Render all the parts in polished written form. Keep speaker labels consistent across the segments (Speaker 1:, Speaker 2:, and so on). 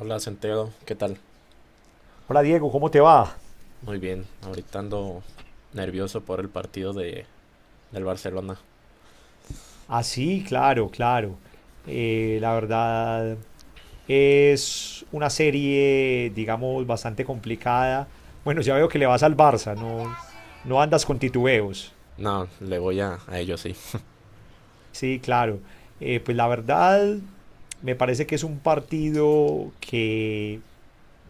Speaker 1: Hola Centeno, ¿qué tal?
Speaker 2: Hola Diego, ¿cómo te va?
Speaker 1: Muy bien, ahorita ando nervioso por el partido del Barcelona.
Speaker 2: Ah, sí, claro, claro. La verdad es una serie, digamos, bastante complicada. Bueno, ya veo que le vas al Barça, no, no andas con titubeos.
Speaker 1: No, le voy a ellos, sí.
Speaker 2: Sí, claro. Pues la verdad me parece que es un partido que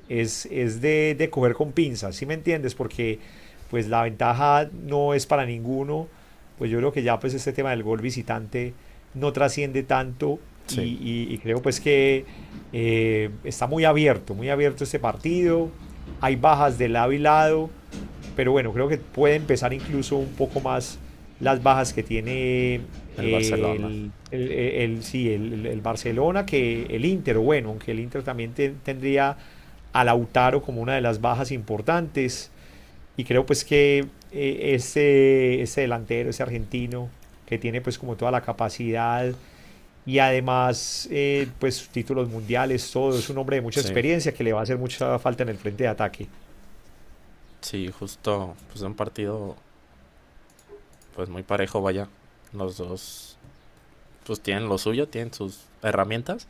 Speaker 2: es de coger con pinzas, ¿sí me entiendes? Porque pues la ventaja no es para ninguno, pues yo creo que ya pues este tema del gol visitante no trasciende tanto
Speaker 1: Sí,
Speaker 2: y creo pues que está muy abierto este partido, hay bajas de lado y lado, pero bueno, creo que puede empezar incluso un poco más las bajas que tiene
Speaker 1: el Barcelona.
Speaker 2: sí, el Barcelona que el Inter. O bueno, aunque el Inter también tendría a Lautaro como una de las bajas importantes. Y creo pues que ese delantero, ese argentino, que tiene pues como toda la capacidad y además pues títulos mundiales, todo, es un hombre de mucha
Speaker 1: Sí,
Speaker 2: experiencia que le va a hacer mucha falta en el frente de ataque.
Speaker 1: sí, justo, pues un partido pues muy parejo, vaya. Los dos pues tienen lo suyo, tienen sus herramientas,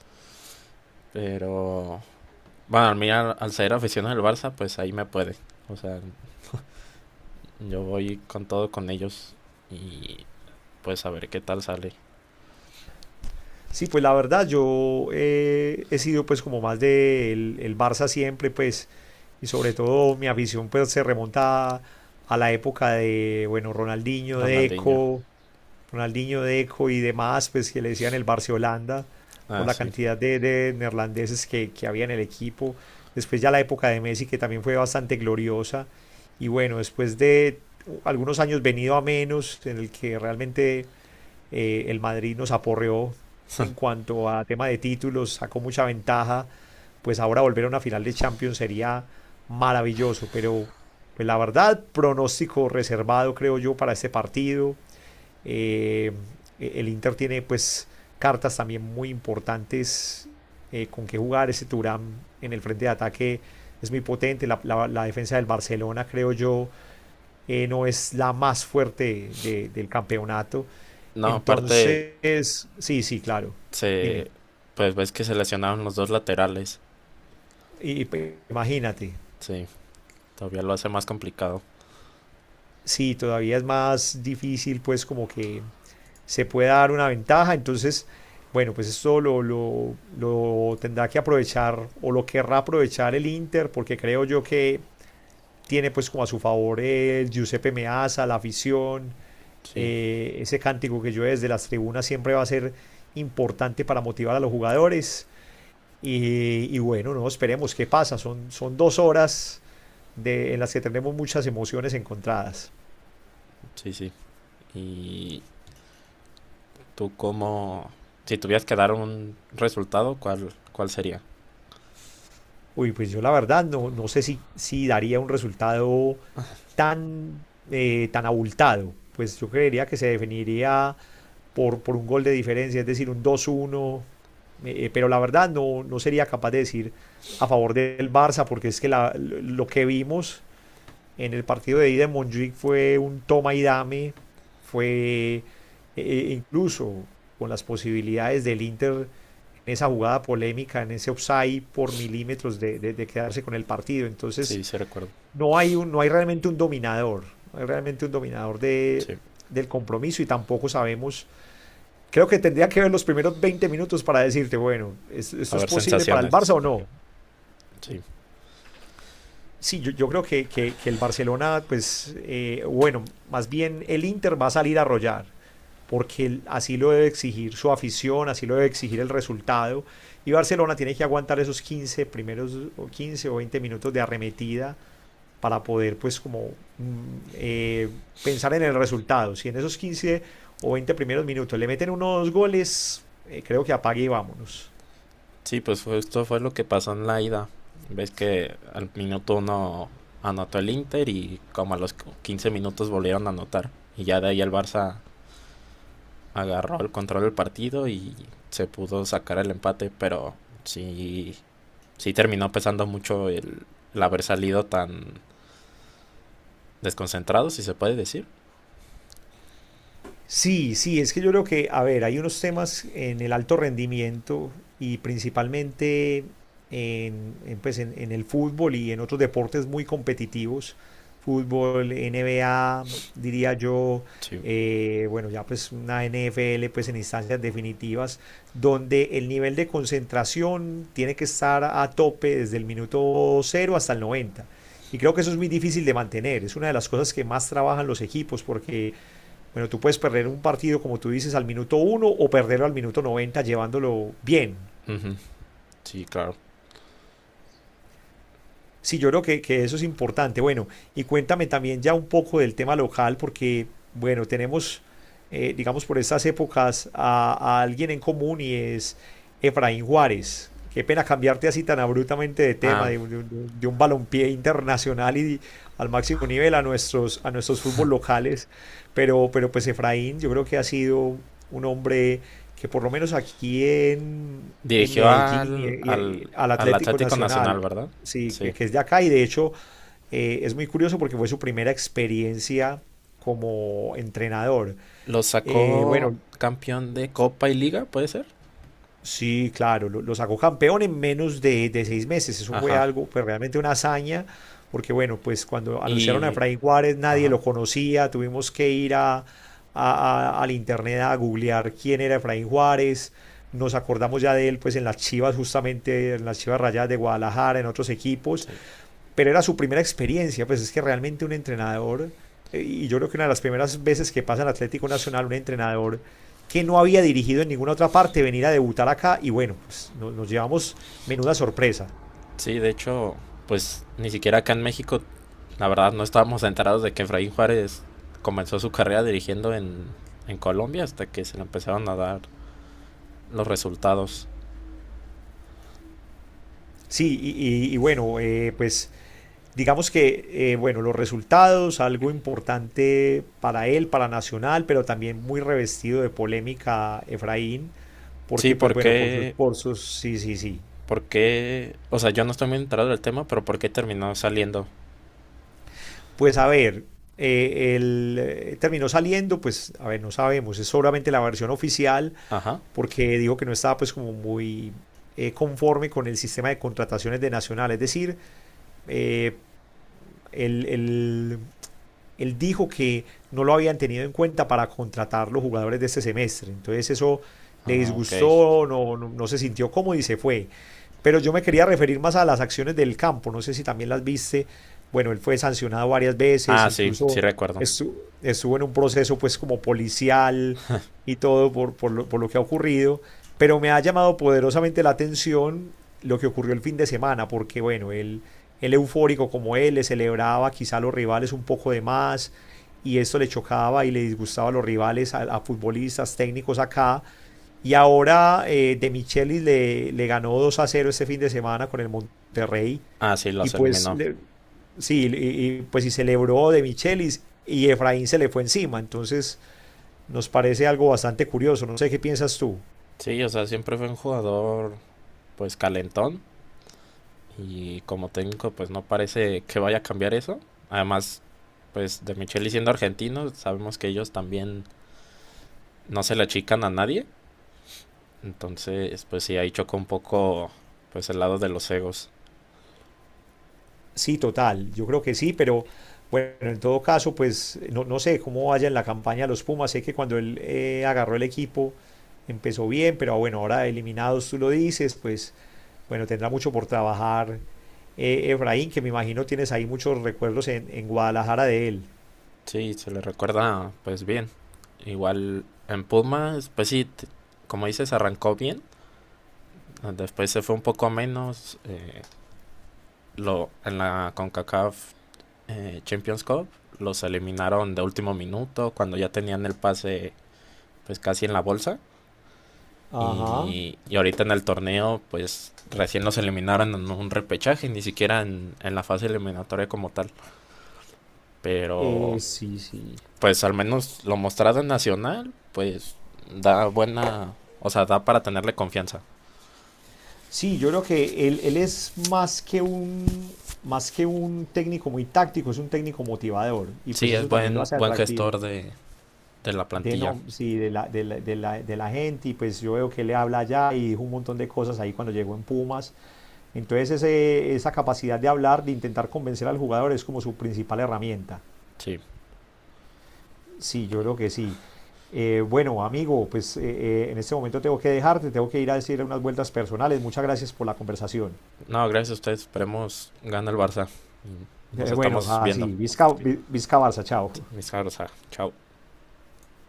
Speaker 1: pero bueno, a mí al ser aficionado del Barça, pues ahí me puede. O sea, yo voy con todo con ellos y pues a ver qué tal sale
Speaker 2: Sí, pues la verdad, yo he sido pues como más de el Barça siempre, pues, y sobre todo mi afición pues se remonta a la época de, bueno, Ronaldinho,
Speaker 1: Ronaldinho.
Speaker 2: Deco, Ronaldinho, Deco y demás, pues que le decían el Barcelona por
Speaker 1: Ah,
Speaker 2: la
Speaker 1: sí.
Speaker 2: cantidad de neerlandeses que había en el equipo. Después ya la época de Messi, que también fue bastante gloriosa. Y bueno, después de algunos años venido a menos, en el que realmente el Madrid nos aporreó en cuanto a tema de títulos, sacó mucha ventaja, pues ahora volver a una final de Champions sería maravilloso, pero pues la verdad, pronóstico reservado creo yo para este partido. Eh, el Inter tiene pues cartas también muy importantes con que jugar. Ese Turam en el frente de ataque es muy potente. La defensa del Barcelona, creo yo, no es la más fuerte de, del campeonato.
Speaker 1: No, aparte,
Speaker 2: Entonces, sí, sí, claro. Dime,
Speaker 1: Se, pues ves que se lesionaron los dos laterales.
Speaker 2: y, imagínate,
Speaker 1: Sí, todavía lo hace más complicado.
Speaker 2: sí, todavía es más difícil pues como que se pueda dar una ventaja. Entonces, bueno, pues esto lo tendrá que aprovechar o lo querrá aprovechar el Inter, porque creo yo que tiene pues como a su favor el Giuseppe Meazza, la afición,
Speaker 1: Sí,
Speaker 2: ese cántico que yo desde las tribunas siempre va a ser importante para motivar a los jugadores. Y bueno, no esperemos qué pasa. Son dos horas de, en las que tenemos muchas emociones encontradas.
Speaker 1: sí, sí. Y tú cómo, si tuvieras que dar un resultado, ¿cuál sería?
Speaker 2: Uy, pues yo la verdad no, no sé si, si daría un resultado tan abultado. Pues yo creería que se definiría por un gol de diferencia, es decir, un 2-1. Pero la verdad no, no sería capaz de decir a favor del Barça, porque es que lo que vimos en el partido de ida en Montjuic fue un toma y dame, fue incluso con las posibilidades del Inter en esa jugada polémica, en ese offside por milímetros de quedarse con el partido. Entonces,
Speaker 1: Sí, sí recuerdo.
Speaker 2: no hay realmente un dominador, no hay realmente un dominador de,
Speaker 1: Sí,
Speaker 2: del compromiso y tampoco sabemos. Creo que tendría que ver los primeros 20 minutos para decirte, bueno, ¿esto, esto
Speaker 1: para
Speaker 2: es
Speaker 1: ver
Speaker 2: posible para el Barça
Speaker 1: sensaciones.
Speaker 2: o no?
Speaker 1: Sí,
Speaker 2: Sí, yo creo que el Barcelona, pues, bueno, más bien el Inter va a salir a arrollar, porque así lo debe exigir su afición, así lo debe exigir el resultado, y Barcelona tiene que aguantar esos 15 primeros o 15 o 20 minutos de arremetida para poder pues como pensar en el resultado. Si en esos 15 o 20 primeros minutos le meten unos goles, creo que apague y vámonos.
Speaker 1: sí, pues esto fue lo que pasó en la ida. Ves que al minuto uno anotó el Inter y como a los 15 minutos volvieron a anotar. Y ya de ahí el Barça agarró el control del partido y se pudo sacar el empate, pero sí, sí terminó pesando mucho el haber salido tan desconcentrado, si se puede decir.
Speaker 2: Sí, sí, es que yo creo que, a ver, hay unos temas en el alto rendimiento y principalmente en el fútbol y en otros deportes muy competitivos, fútbol, NBA, diría yo,
Speaker 1: Sí,
Speaker 2: bueno, ya pues una NFL pues en instancias definitivas, donde el nivel de concentración tiene que estar a tope desde el minuto cero hasta el noventa. Y creo que eso es muy difícil de mantener. Es una de las cosas que más trabajan los equipos porque bueno, tú puedes perder un partido, como tú dices, al minuto uno o perderlo al minuto 90 llevándolo bien.
Speaker 1: ujú, sí, claro.
Speaker 2: Sí, yo creo que eso es importante. Bueno, y cuéntame también ya un poco del tema local, porque, bueno, tenemos, digamos, por estas épocas a alguien en común y es Efraín Juárez. Qué pena cambiarte así tan abruptamente de tema,
Speaker 1: Ah,
Speaker 2: de, de un balompié internacional y al máximo nivel a nuestros fútbol locales. Pero pues Efraín, yo creo que ha sido un hombre que por lo menos aquí en
Speaker 1: dirigió
Speaker 2: Medellín
Speaker 1: al, al,
Speaker 2: y al
Speaker 1: al
Speaker 2: Atlético
Speaker 1: Atlético Nacional,
Speaker 2: Nacional,
Speaker 1: ¿verdad?
Speaker 2: sí,
Speaker 1: Sí.
Speaker 2: que es de acá y de hecho es muy curioso porque fue su primera experiencia como entrenador.
Speaker 1: Lo
Speaker 2: Eh,
Speaker 1: sacó
Speaker 2: bueno,
Speaker 1: campeón de Copa y Liga, ¿puede ser?
Speaker 2: sí, claro, lo sacó campeón en menos de seis meses. Eso fue
Speaker 1: Ajá.
Speaker 2: algo, pues realmente una hazaña, porque bueno, pues cuando anunciaron a
Speaker 1: Y.
Speaker 2: Efraín Juárez nadie
Speaker 1: Ajá.
Speaker 2: lo conocía, tuvimos que ir al internet a googlear quién era Efraín Juárez. Nos acordamos ya de él, pues en las Chivas, justamente en las Chivas Rayadas de Guadalajara, en otros equipos,
Speaker 1: Sí.
Speaker 2: pero era su primera experiencia, pues es que realmente un entrenador, y yo creo que una de las primeras veces que pasa en Atlético Nacional, un entrenador que no había dirigido en ninguna otra parte, venir a debutar acá, y bueno, pues nos llevamos menuda sorpresa.
Speaker 1: Sí, de hecho, pues ni siquiera acá en México, la verdad, no estábamos enterados de que Efraín Juárez comenzó su carrera dirigiendo en Colombia hasta que se le empezaron a dar los resultados.
Speaker 2: Sí, y bueno, pues digamos que, bueno, los resultados, algo importante para él, para Nacional, pero también muy revestido de polémica Efraín,
Speaker 1: Sí,
Speaker 2: porque pues bueno,
Speaker 1: porque,
Speaker 2: por sus, sí, sí, sí.
Speaker 1: o sea, yo no estoy muy enterado del tema, pero ¿por qué terminó saliendo?
Speaker 2: Pues a ver, él terminó saliendo, pues a ver, no sabemos, es solamente la versión oficial
Speaker 1: Ajá,
Speaker 2: porque dijo que no estaba pues como muy conforme con el sistema de contrataciones de Nacional, es decir, eh, el él dijo que no lo habían tenido en cuenta para contratar los jugadores de este semestre. Entonces eso le
Speaker 1: ah, ok.
Speaker 2: disgustó, no, no, no se sintió cómodo y se fue. Pero yo me quería referir más a las acciones del campo, no sé si también las viste. Bueno, él fue sancionado varias veces,
Speaker 1: Ah, sí, sí
Speaker 2: incluso
Speaker 1: recuerdo.
Speaker 2: estuvo, en un proceso pues como policial y todo por lo que ha ocurrido. Pero me ha llamado poderosamente la atención lo que ocurrió el fin de semana, porque bueno, él eufórico como él, le celebraba quizá a los rivales un poco de más y esto le chocaba y le disgustaba a los rivales, a futbolistas, técnicos acá. Y ahora De Michelis ganó 2 a cero este fin de semana con el Monterrey
Speaker 1: Ah, sí,
Speaker 2: y
Speaker 1: los
Speaker 2: pues
Speaker 1: eliminó.
Speaker 2: le, sí, pues y celebró De Michelis y Efraín se le fue encima. Entonces nos parece algo bastante curioso. No sé qué piensas tú.
Speaker 1: Sí, o sea, siempre fue un jugador, pues, calentón. Y como técnico, pues no parece que vaya a cambiar eso. Además, pues de Micheli siendo argentino, sabemos que ellos también no se le achican a nadie. Entonces, pues sí, ahí chocó un poco pues el lado de los egos.
Speaker 2: Sí, total, yo creo que sí, pero bueno, en todo caso, pues no, no sé cómo vaya en la campaña de los Pumas, sé que cuando él agarró el equipo empezó bien, pero bueno, ahora eliminados tú lo dices, pues bueno, tendrá mucho por trabajar Efraín, que me imagino tienes ahí muchos recuerdos en Guadalajara de él.
Speaker 1: Sí, se le recuerda pues bien. Igual en Pumas, pues sí, como dices, arrancó bien. Después se fue un poco a menos. En la CONCACAF Champions Cup los eliminaron de último minuto cuando ya tenían el pase pues casi en la bolsa.
Speaker 2: Ajá,
Speaker 1: Y ahorita en el torneo, pues recién los eliminaron en un repechaje, ni siquiera en la fase eliminatoria como tal. Pero
Speaker 2: sí, sí.
Speaker 1: pues al menos lo mostrado en Nacional, pues da buena, o sea, da para tenerle confianza.
Speaker 2: Sí, yo creo que él es más que un técnico muy táctico, es un técnico motivador y pues
Speaker 1: Sí, es
Speaker 2: eso también lo
Speaker 1: buen,
Speaker 2: hace
Speaker 1: buen
Speaker 2: atractivo.
Speaker 1: gestor de la plantilla.
Speaker 2: No, sí, de la gente y pues yo veo que él le habla allá y dijo un montón de cosas ahí cuando llegó en Pumas. Entonces esa capacidad de hablar, de intentar convencer al jugador es como su principal herramienta.
Speaker 1: Sí.
Speaker 2: Sí, yo creo que sí. Bueno, amigo, pues en este momento tengo que dejarte, tengo que ir a decir unas vueltas personales. Muchas gracias por la conversación.
Speaker 1: No, gracias a ustedes. Esperemos gane el Barça. Nos
Speaker 2: Bueno,
Speaker 1: estamos viendo.
Speaker 2: así, Vizca Barça, chao.
Speaker 1: Mis caros, ah, chao.